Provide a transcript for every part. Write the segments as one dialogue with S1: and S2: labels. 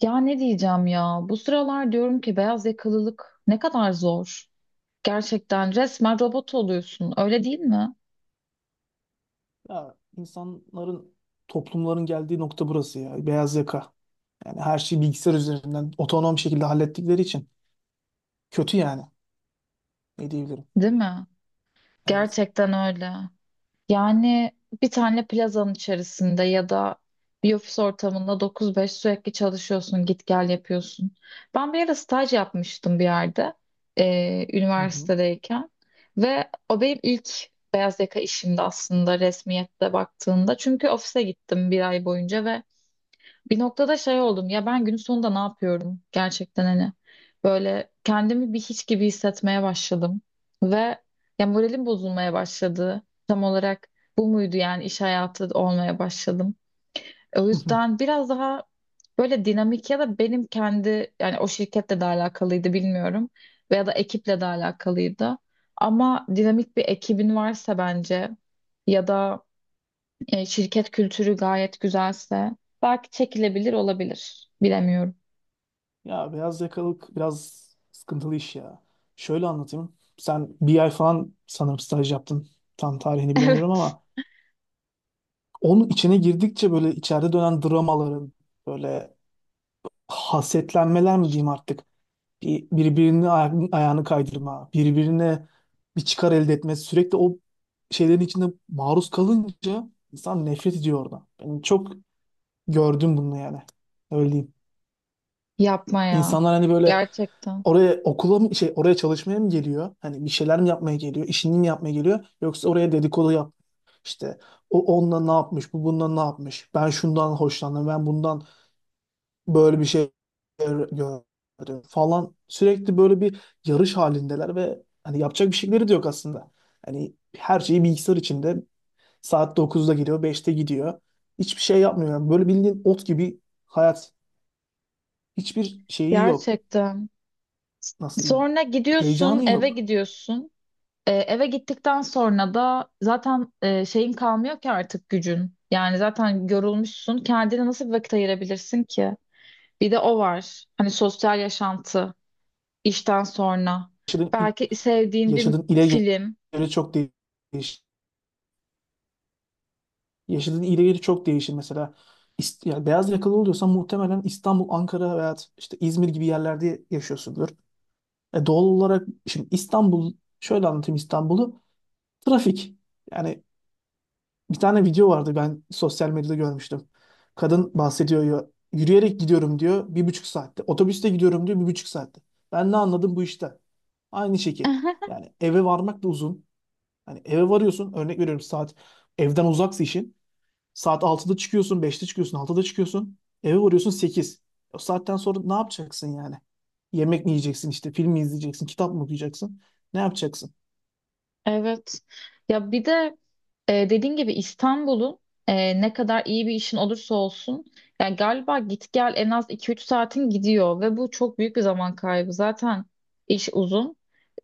S1: Ya ne diyeceğim ya? Bu sıralar diyorum ki beyaz yakalılık ne kadar zor. Gerçekten resmen robot oluyorsun. Öyle değil mi?
S2: Ya insanların, toplumların geldiği nokta burası ya. Beyaz yaka. Yani her şeyi bilgisayar üzerinden otonom şekilde hallettikleri için kötü yani. Ne diyebilirim?
S1: Değil mi?
S2: Evet.
S1: Gerçekten öyle. Yani bir tane plazanın içerisinde ya da bir ofis ortamında 9-5 sürekli çalışıyorsun, git gel yapıyorsun. Ben bir ara staj yapmıştım bir yerde
S2: Hı hı.
S1: üniversitedeyken ve o benim ilk beyaz yaka işimdi aslında resmiyette baktığında. Çünkü ofise gittim bir ay boyunca ve bir noktada şey oldum ya ben günün sonunda ne yapıyorum gerçekten hani böyle kendimi bir hiç gibi hissetmeye başladım ve ya moralim bozulmaya başladı tam olarak bu muydu yani iş hayatı olmaya başladım o
S2: Hı hı.
S1: yüzden biraz daha böyle dinamik ya da benim kendi yani o şirketle de alakalıydı bilmiyorum veya da ekiple de alakalıydı ama dinamik bir ekibin varsa bence ya da şirket kültürü gayet güzelse belki çekilebilir olabilir. Bilemiyorum.
S2: Ya beyaz yakalık biraz sıkıntılı iş ya. Şöyle anlatayım. Sen bir ay falan sanırım staj yaptın. Tam tarihini bilemiyorum
S1: Evet.
S2: ama onun içine girdikçe böyle içeride dönen dramaların böyle hasetlenmeler mi diyeyim artık. Birbirine ayağını kaydırma, birbirine bir çıkar elde etme, sürekli o şeylerin içinde maruz kalınca insan nefret ediyor orada. Ben çok gördüm bunu yani. Öyle diyeyim.
S1: Yapma ya.
S2: İnsanlar hani böyle
S1: Gerçekten.
S2: oraya okula mı şey oraya çalışmaya mı geliyor? Hani bir şeyler mi yapmaya geliyor? İşini mi yapmaya geliyor? Yoksa oraya dedikodu yap. İşte o onunla ne yapmış, bu bununla ne yapmış? Ben şundan hoşlandım, ben bundan böyle bir şey gördüm falan. Sürekli böyle bir yarış halindeler ve hani yapacak bir şeyleri de yok aslında. Hani her şeyi bilgisayar içinde saat dokuzda geliyor, beşte gidiyor. Hiçbir şey yapmıyor. Yani böyle bildiğin ot gibi hayat. Hiçbir şeyi yok.
S1: Gerçekten.
S2: Nasıl diyeyim?
S1: Sonra gidiyorsun,
S2: Heyecanı
S1: eve
S2: yok.
S1: gidiyorsun. Eve gittikten sonra da zaten şeyin kalmıyor ki artık gücün. Yani zaten yorulmuşsun. Kendine nasıl bir vakit ayırabilirsin ki? Bir de o var. Hani sosyal yaşantı işten sonra.
S2: Yaşadığın, il-
S1: Belki sevdiğin bir
S2: Yaşadığın ile
S1: film.
S2: göre çok değişir. Yaşadığın ile göre çok değişir mesela. Yani beyaz yakalı oluyorsan muhtemelen İstanbul, Ankara veya işte İzmir gibi yerlerde yaşıyorsundur. Doğal olarak şimdi İstanbul, şöyle anlatayım İstanbul'u. Trafik. Yani bir tane video vardı, ben sosyal medyada görmüştüm. Kadın bahsediyor ya, yürüyerek gidiyorum diyor bir buçuk saatte. Otobüste gidiyorum diyor bir buçuk saatte. Ben ne anladım bu işte? Aynı şekil. Yani eve varmak da uzun. Hani eve varıyorsun, örnek veriyorum, saat evden uzaksa işin. Saat altıda çıkıyorsun, beşte çıkıyorsun, altıda çıkıyorsun. Eve varıyorsun 8. O saatten sonra ne yapacaksın yani? Yemek mi yiyeceksin işte, film mi izleyeceksin, kitap mı okuyacaksın? Ne yapacaksın?
S1: Evet. Ya bir de dediğin gibi İstanbul'un ne kadar iyi bir işin olursa olsun yani galiba git gel en az iki üç saatin gidiyor ve bu çok büyük bir zaman kaybı. Zaten iş uzun.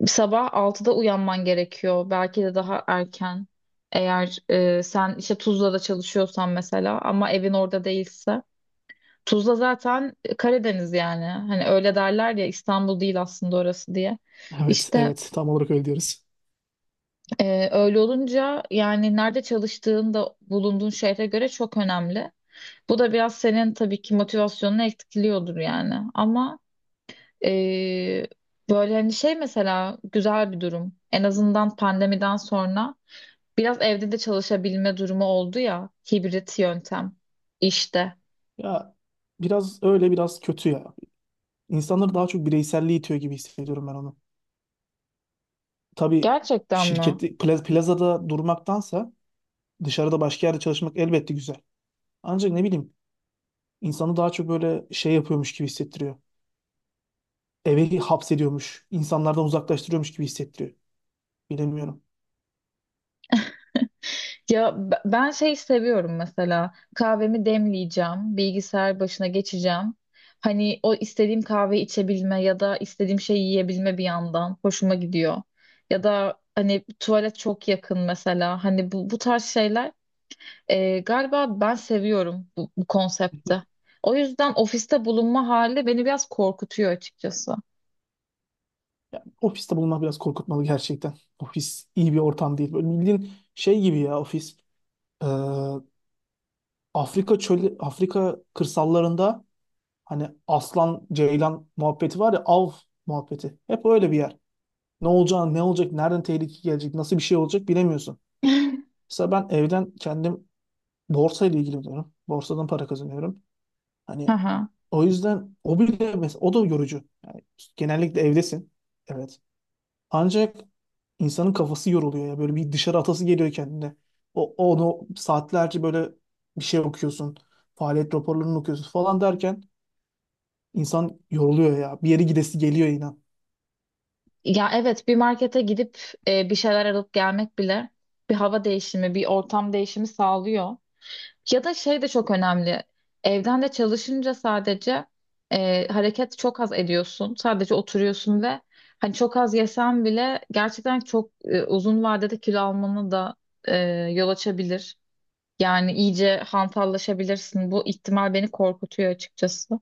S1: Sabah altıda uyanman gerekiyor. Belki de daha erken. Eğer sen işte Tuzla'da çalışıyorsan mesela ama evin orada değilse. Tuzla zaten Karadeniz yani. Hani öyle derler ya İstanbul değil aslında orası diye.
S2: Evet,
S1: İşte
S2: evet. Tam olarak öyle diyoruz.
S1: öyle olunca yani nerede çalıştığın da bulunduğun şehre göre çok önemli. Bu da biraz senin tabii ki motivasyonunu etkiliyordur yani. Ama ee, böyle hani şey mesela güzel bir durum. En azından pandemiden sonra biraz evde de çalışabilme durumu oldu ya hibrit yöntem işte.
S2: Ya biraz öyle, biraz kötü ya. İnsanları daha çok bireyselliğe itiyor gibi hissediyorum ben onu. Tabii
S1: Gerçekten mi?
S2: şirkette plazada durmaktansa dışarıda başka yerde çalışmak elbette güzel. Ancak ne bileyim, insanı daha çok böyle şey yapıyormuş gibi hissettiriyor. Eve hapsediyormuş, insanlardan uzaklaştırıyormuş gibi hissettiriyor. Bilemiyorum.
S1: Ya ben şey seviyorum mesela kahvemi demleyeceğim, bilgisayar başına geçeceğim. Hani o istediğim kahve içebilme ya da istediğim şeyi yiyebilme bir yandan hoşuma gidiyor. Ya da hani tuvalet çok yakın mesela hani bu tarz şeyler galiba ben seviyorum bu konsepti. O yüzden ofiste bulunma hali beni biraz korkutuyor açıkçası.
S2: Ofiste bulunmak biraz korkutmalı gerçekten. Ofis iyi bir ortam değil. Böyle bildiğin şey gibi ya ofis. Ee, Afrika çölü, Afrika kırsallarında hani aslan, ceylan muhabbeti var ya, av muhabbeti. Hep öyle bir yer. Ne olacağını, ne olacak, nereden tehlike gelecek, nasıl bir şey olacak bilemiyorsun. Mesela ben evden kendim borsa ile ilgileniyorum. Borsadan para kazanıyorum.
S1: Hı
S2: Hani
S1: hı.
S2: o yüzden o bile mesela, o da yorucu. Yani genellikle evdesin. Evet. Ancak insanın kafası yoruluyor ya. Böyle bir dışarı atası geliyor kendine. Onu saatlerce böyle bir şey okuyorsun. Faaliyet raporlarını okuyorsun falan derken insan yoruluyor ya. Bir yere gidesi geliyor inan.
S1: Ya evet bir markete gidip bir şeyler alıp gelmek bile bir hava değişimi, bir ortam değişimi sağlıyor. Ya da şey de çok önemli. Evden de çalışınca sadece hareket çok az ediyorsun. Sadece oturuyorsun ve hani çok az yesen bile gerçekten çok uzun vadede kilo almanı da e, yol açabilir. Yani iyice hantallaşabilirsin. Bu ihtimal beni korkutuyor açıkçası.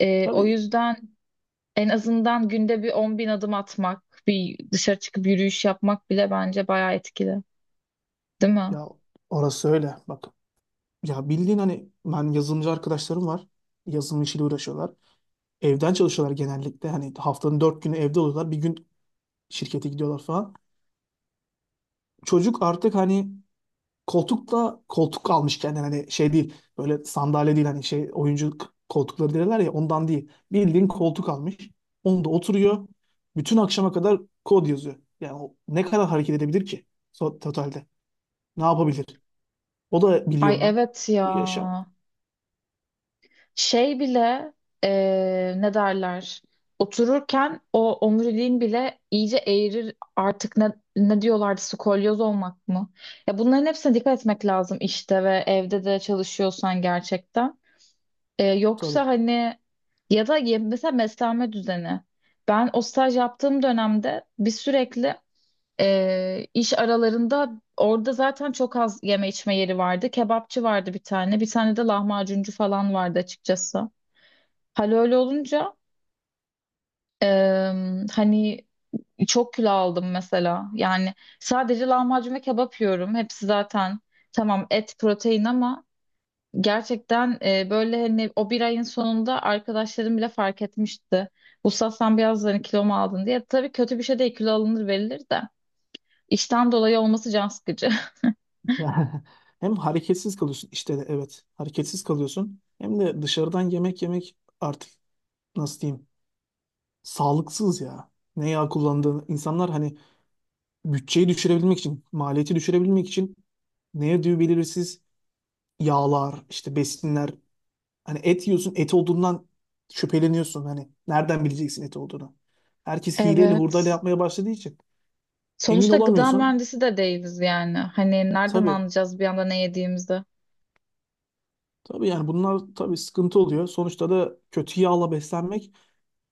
S1: O
S2: Tabii
S1: yüzden en azından günde bir 10.000 adım atmak, bir dışarı çıkıp yürüyüş yapmak bile bence bayağı etkili, değil mi?
S2: ya, orası öyle. Bak ya, bildiğin hani, ben yazılımcı arkadaşlarım var. Yazılım işiyle uğraşıyorlar. Evden çalışıyorlar genellikle. Hani haftanın dört günü evde oluyorlar. Bir gün şirkete gidiyorlar falan. Çocuk artık hani koltuk da koltuk almış kendine, hani şey değil, böyle sandalye değil, hani şey oyuncu koltukları derler ya, ondan değil. Bildiğin koltuk almış. Onda oturuyor. Bütün akşama kadar kod yazıyor. Yani o ne kadar hareket edebilir ki totalde? Ne yapabilir? O da biliyor
S1: Ay
S2: onu.
S1: evet ya.
S2: Bu yaşam.
S1: Şey bile ne derler? Otururken o omuriliğin bile iyice eğrir artık ne diyorlardı skolyoz olmak mı? Ya bunların hepsine dikkat etmek lazım işte ve evde de çalışıyorsan gerçekten.
S2: Tabii.
S1: Yoksa hani ya da mesela beslenme düzeni. Ben o staj yaptığım dönemde bir sürekli iş aralarında orada zaten çok az yeme içme yeri vardı. Kebapçı vardı bir tane. Bir tane de lahmacuncu falan vardı açıkçası. Hal öyle olunca hani çok kilo aldım mesela. Yani sadece lahmacun ve kebap yiyorum. Hepsi zaten tamam et protein ama gerçekten böyle hani o bir ayın sonunda arkadaşlarım bile fark etmişti. Usta sen biraz hani kilo mu aldın diye. Tabii kötü bir şey değil kilo alınır verilir de. İşten dolayı olması can sıkıcı.
S2: Yani hem hareketsiz kalıyorsun işte de, evet hareketsiz kalıyorsun, hem de dışarıdan yemek yemek artık, nasıl diyeyim, sağlıksız ya. Ne yağ kullandığını insanlar hani bütçeyi düşürebilmek için, maliyeti düşürebilmek için, ne yediği belirsiz yağlar işte, besinler, hani et yiyorsun, et olduğundan şüpheleniyorsun, hani nereden bileceksin et olduğunu. Herkes hileyle hurdayla
S1: Evet.
S2: yapmaya başladığı için emin
S1: Sonuçta gıda
S2: olamıyorsun.
S1: mühendisi de değiliz yani. Hani nereden
S2: Tabii
S1: anlayacağız bir anda ne yediğimizi?
S2: tabii, yani bunlar tabii sıkıntı oluyor sonuçta da, kötü yağla beslenmek,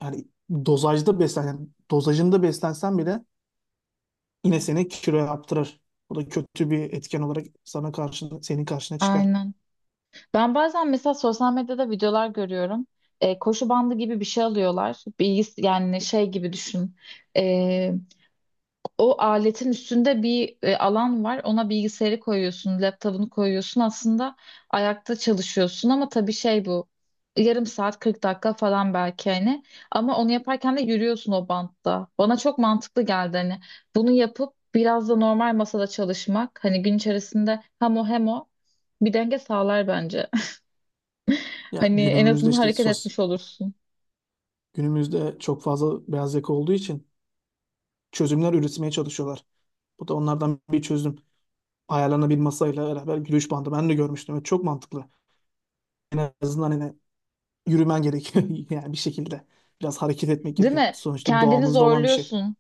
S2: yani yani dozajında beslensen bile yine seni kilo yaptırır. Bu da kötü bir etken olarak senin karşına çıkar.
S1: Aynen. Ben bazen mesela sosyal medyada videolar görüyorum. Koşu bandı gibi bir şey alıyorlar. Bilgis yani şey gibi düşün. E, o aletin üstünde bir alan var. Ona bilgisayarı koyuyorsun, laptopunu koyuyorsun. Aslında ayakta çalışıyorsun ama tabii şey bu. Yarım saat 40 dakika falan belki hani. Ama onu yaparken de yürüyorsun o bantta. Bana çok mantıklı geldi hani. Bunu yapıp biraz da normal masada çalışmak. Hani gün içerisinde hem o hem o bir denge sağlar bence.
S2: Ya
S1: Hani en
S2: günümüzde
S1: azından hareket etmiş olursun.
S2: günümüzde çok fazla beyaz yaka olduğu için çözümler üretmeye çalışıyorlar. Bu da onlardan bir çözüm. Ayarlarına bir masayla beraber yürüyüş bandı ben de görmüştüm ve çok mantıklı. En azından yine yürümen gerekiyor yani bir şekilde. Biraz hareket etmek
S1: Değil
S2: gerekiyor.
S1: mi?
S2: Sonuçta
S1: Kendini
S2: doğamızda olan bir şey.
S1: zorluyorsun.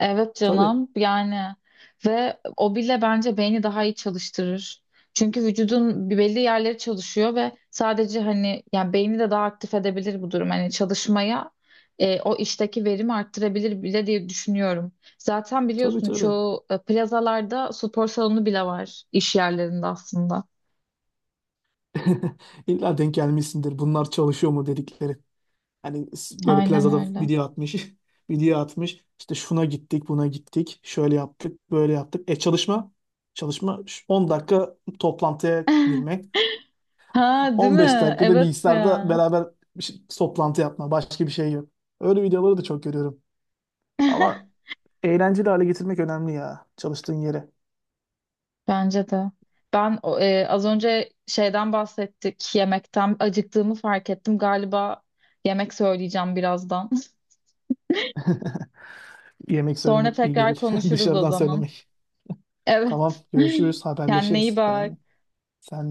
S1: Evet
S2: Tabii,
S1: canım yani ve o bile bence beyni daha iyi çalıştırır. Çünkü vücudun bir belli yerleri çalışıyor ve sadece hani yani beyni de daha aktif edebilir bu durum. Hani çalışmaya o işteki verimi arttırabilir bile diye düşünüyorum. Zaten biliyorsun
S2: tabii.
S1: çoğu plazalarda spor salonu bile var iş yerlerinde aslında.
S2: İlla denk gelmişsindir. Bunlar çalışıyor mu dedikleri. Böyle
S1: Aynen
S2: plazada
S1: öyle.
S2: video atmış. Video atmış. İşte şuna gittik, buna gittik. Şöyle yaptık, böyle yaptık. E çalışma. 10 dakika toplantıya girmek.
S1: Ha değil
S2: 15
S1: mi?
S2: dakikada
S1: Evet
S2: bilgisayarda
S1: ya.
S2: beraber toplantı yapma. Başka bir şey yok. Öyle videoları da çok görüyorum. Ama eğlenceli hale getirmek önemli ya, çalıştığın yeri.
S1: Bence de. Ben az önce şeyden bahsettik, yemekten acıktığımı fark ettim. Galiba yemek söyleyeceğim birazdan.
S2: Yemek
S1: Sonra
S2: söylemek iyi
S1: tekrar
S2: gelir.
S1: konuşuruz o
S2: Dışarıdan
S1: zaman.
S2: söylemek.
S1: Evet.
S2: Tamam, görüşürüz,
S1: Kendine iyi
S2: haberleşiriz seninle.
S1: bak.
S2: Sen de